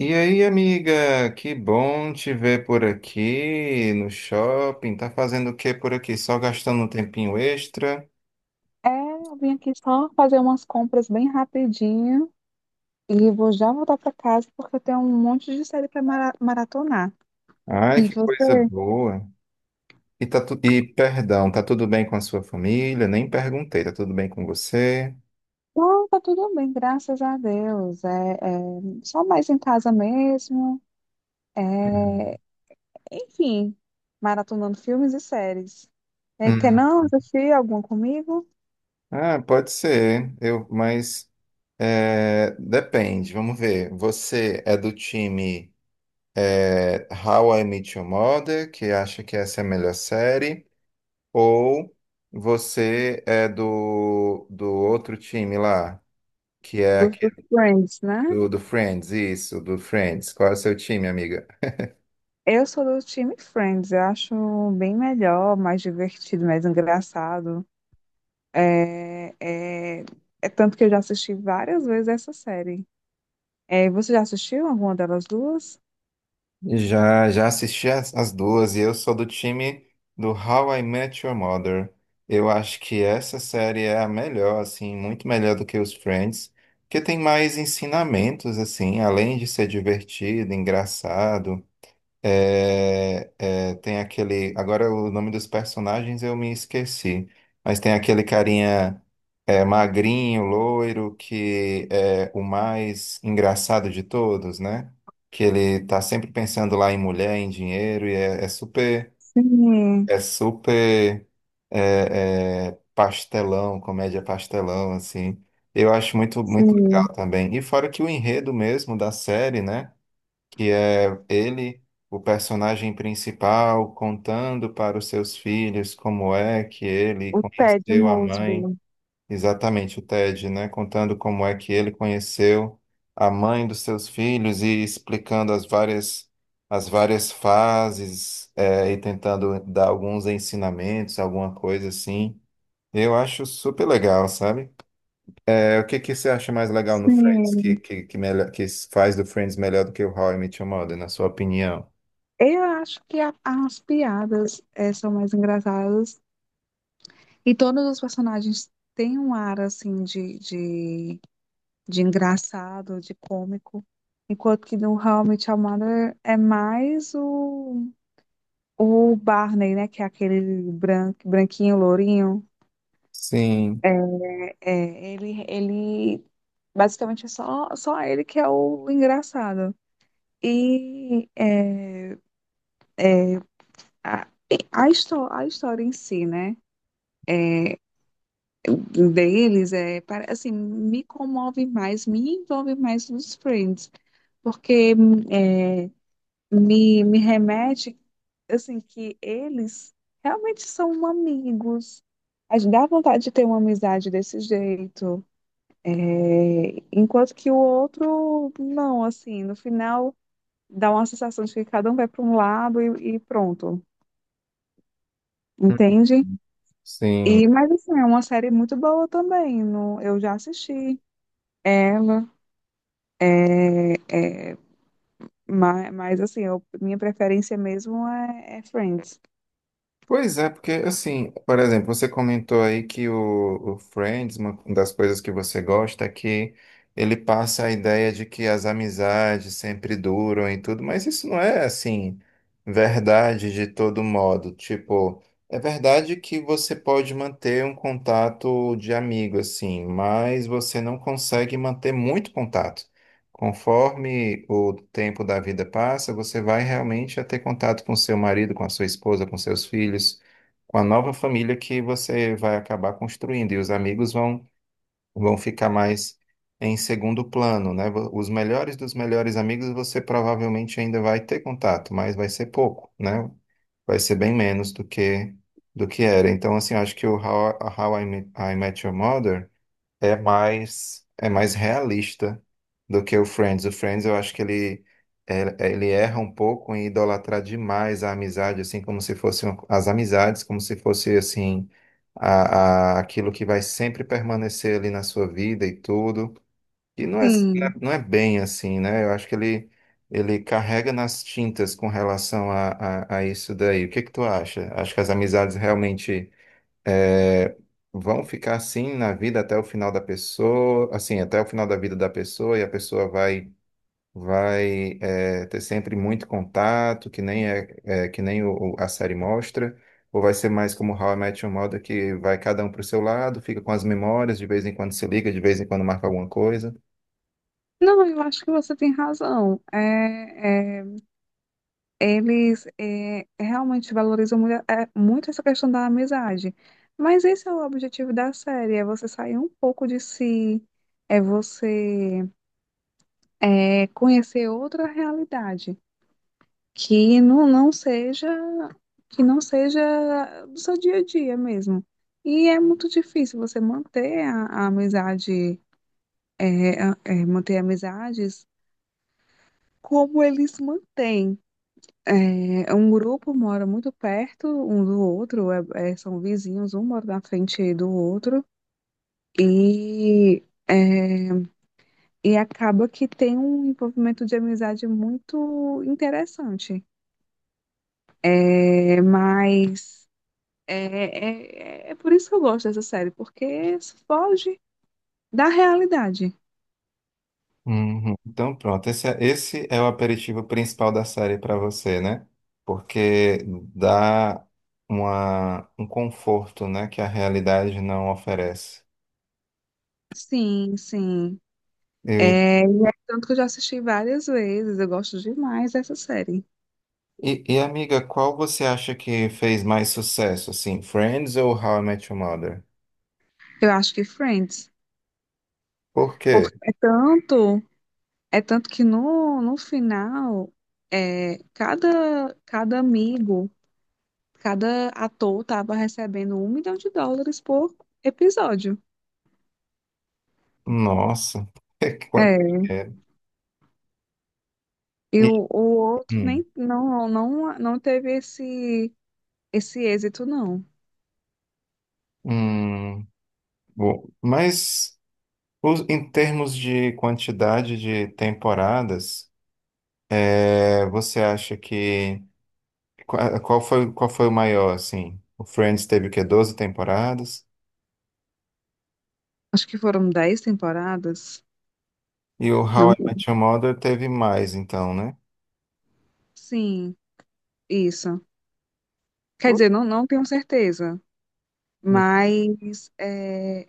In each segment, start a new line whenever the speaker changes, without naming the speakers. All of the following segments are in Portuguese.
E aí, amiga, que bom te ver por aqui no shopping. Tá fazendo o que por aqui? Só gastando um tempinho extra?
É, eu vim aqui só fazer umas compras bem rapidinho e vou já voltar para casa porque eu tenho um monte de série para maratonar.
Ai,
E
que coisa
você?
boa. E perdão, tá tudo bem com a sua família? Nem perguntei, tá tudo bem com você?
Não, tá tudo bem, graças a Deus. É, é só mais em casa mesmo.
Uhum.
É, enfim, maratonando filmes e séries. É, quer
Hum.
não assistir algum comigo?
Ah, pode ser. Mas depende. Vamos ver. Você é do time How I Met Your Mother, que acha que essa é a melhor série? Ou você é do outro time lá, que é
Dos do
aquele
Friends, né?
do Friends, isso, do Friends. Qual é o seu time, amiga?
Eu sou do time Friends, eu acho bem melhor, mais divertido, mais engraçado. É, é, é tanto que eu já assisti várias vezes essa série. É, você já assistiu alguma delas duas?
Já assisti as duas e eu sou do time do How I Met Your Mother. Eu acho que essa série é a melhor, assim, muito melhor do que os Friends, porque tem mais ensinamentos, assim, além de ser divertido, engraçado. Tem aquele. Agora o nome dos personagens eu me esqueci. Mas tem aquele carinha magrinho, loiro, que é o mais engraçado de todos, né? Que ele tá sempre pensando lá em mulher, em dinheiro, e é super,
Sim,
é super pastelão, comédia pastelão, assim. Eu acho muito, muito
sim,
legal também. E fora que o enredo mesmo da série, né? Que é ele, o personagem principal, contando para os seus filhos como é que ele
o Ted
conheceu a mãe,
Mosby.
exatamente o Ted, né? Contando como é que ele conheceu a mãe dos seus filhos e explicando as várias fases, e tentando dar alguns ensinamentos, alguma coisa assim. Eu acho super legal, sabe? O que que você acha mais legal no Friends, que,
Sim.
que, que, melhor, que faz do Friends melhor do que o How I Met Your Mother, na sua opinião?
Eu acho que as piadas são mais engraçadas e todos os personagens têm um ar assim de, de engraçado, de cômico, enquanto que no How I Met Your Mother é mais o Barney, né, que é aquele branco, branquinho, lourinho.
Sim,
É, ele basicamente é só, só ele que é o engraçado. E é, a, a história em si, né? É, deles é assim, me comove mais, me envolve mais nos Friends, porque é, me remete assim que eles realmente são amigos. A gente dá vontade de ter uma amizade desse jeito. É, enquanto que o outro, não, assim, no final dá uma sensação de que cada um vai para um lado e pronto,
uhum,
entende?
sim.
E, mas assim, é uma série muito boa também, não, eu já assisti ela, mas assim, minha preferência mesmo é Friends.
Pois é, porque assim, por exemplo, você comentou aí que o Friends, uma das coisas que você gosta é que ele passa a ideia de que as amizades sempre duram e tudo, mas isso não é assim verdade de todo modo. Tipo, é verdade que você pode manter um contato de amigo assim, mas você não consegue manter muito contato. Conforme o tempo da vida passa, você vai realmente a ter contato com seu marido, com a sua esposa, com seus filhos, com a nova família que você vai acabar construindo. E os amigos vão ficar mais em segundo plano, né? Os melhores dos melhores amigos você provavelmente ainda vai ter contato, mas vai ser pouco, né? Vai ser bem menos do que era. Então, assim, acho que o I Met Your Mother é mais realista do que o Friends. O Friends eu acho que ele ele erra um pouco em idolatrar demais a amizade, assim como se fossem as amizades, como se fosse assim a, aquilo que vai sempre permanecer ali na sua vida e tudo. E não é
Sim,
bem assim, né? Eu acho que ele carrega nas tintas com relação a isso daí. O que que tu acha? Acho que as amizades realmente é, vão ficar assim na vida até o final da pessoa, assim, até o final da vida da pessoa, e a pessoa vai ter sempre muito contato, que nem a série mostra, ou vai ser mais como How I Met Your Mother, que vai cada um para o seu lado, fica com as memórias, de vez em quando se liga, de vez em quando marca alguma coisa.
não, eu acho que você tem razão. É, eles realmente valorizam muito, muito essa questão da amizade. Mas esse é o objetivo da série, é você sair um pouco de si, é você conhecer outra realidade que não, não seja que não seja do seu dia a dia mesmo. E é muito difícil você manter a amizade, manter amizades como eles mantêm. É, um grupo mora muito perto um do outro, são vizinhos, um mora na frente do outro, e, é, e acaba que tem um envolvimento de amizade muito interessante. É, mas por isso que eu gosto dessa série, porque foge da realidade.
Uhum. Então, pronto, esse é o aperitivo principal da série para você, né? Porque dá um conforto, né, que a realidade não oferece.
Sim, sim.
Eu en-
É, e é tanto que eu já assisti várias vezes, eu gosto demais dessa série.
e, amiga, qual você acha que fez mais sucesso, assim, Friends ou How I Met Your Mother?
Eu acho que Friends.
Por quê?
Porque é tanto. É tanto que no final, cada amigo, cada ator tava recebendo 1 milhão de dólares por episódio.
Nossa. Qual-
É,
é,
e
e-
o outro
hum,
nem não teve esse, esse êxito, não.
hum, bom, mas em termos de quantidade de temporadas. Você acha que qual foi o maior assim? O Friends teve o quê? 12 temporadas
Acho que foram 10 temporadas.
e o How
Não,
I Met Your Mother teve mais, então, né?
sim, isso. Quer
Pô,
dizer, não tenho certeza, mas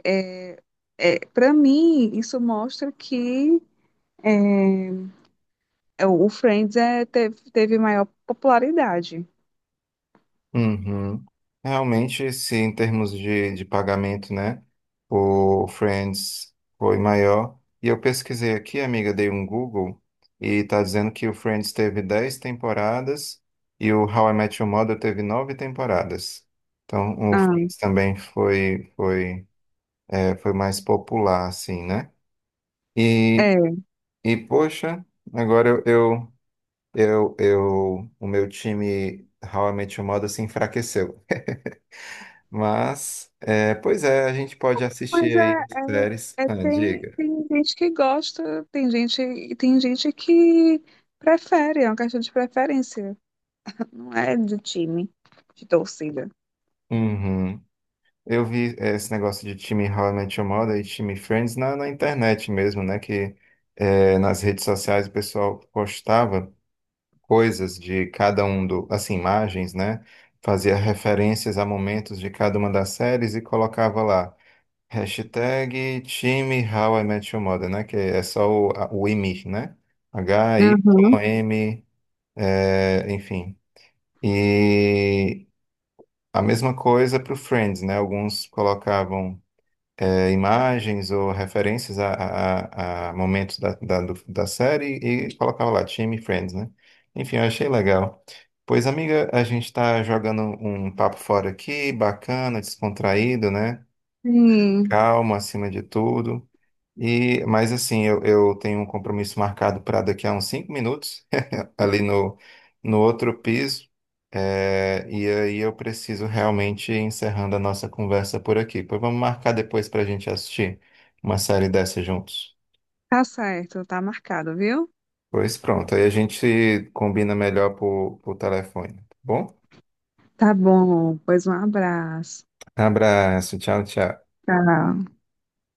é, para mim isso mostra que é. É, o Friends é, teve maior popularidade.
uhum. Realmente, se em termos de pagamento, né? O Friends foi maior. E eu pesquisei aqui, amiga, dei um Google e tá dizendo que o Friends teve 10 temporadas e o How I Met Your Mother teve 9 temporadas. Então, o
Ah,
Friends também foi. É, foi mais popular, assim, né? E,
é.
e poxa, agora o meu time How I Met Your Mother se enfraqueceu. Mas, pois é, a gente pode assistir
Mas
aí as séries. Ah,
tem,
diga.
tem gente que gosta, tem gente que prefere, é uma questão de preferência. Não é do time, de torcida.
Uhum. Eu vi esse negócio de time How I Met Your Mother e time Friends na internet mesmo, né? Que nas redes sociais o pessoal postava coisas de cada um do, assim, imagens, né? Fazia referências a momentos de cada uma das séries e colocava lá hashtag time How I Met Your Mother, né? Que é só o, o IMI, né?
Uhum.
HYM, enfim. E a mesma coisa para o Friends, né? Alguns colocavam imagens ou referências a, a momentos da série e colocava lá, Time Friends, né? Enfim, eu achei legal. Pois, amiga, a gente está jogando um papo fora aqui, bacana, descontraído, né?
Sim,
Calma acima de tudo. Mas assim, eu tenho um compromisso marcado para daqui a uns 5 minutos ali no outro piso. E aí eu preciso realmente ir encerrando a nossa conversa por aqui. Pois vamos marcar depois para a gente assistir uma série dessa juntos.
tá certo, tá marcado, viu?
Pois pronto, aí a gente combina melhor por telefone, tá bom?
Tá bom, pois um abraço.
Abraço, tchau, tchau.
Tchau.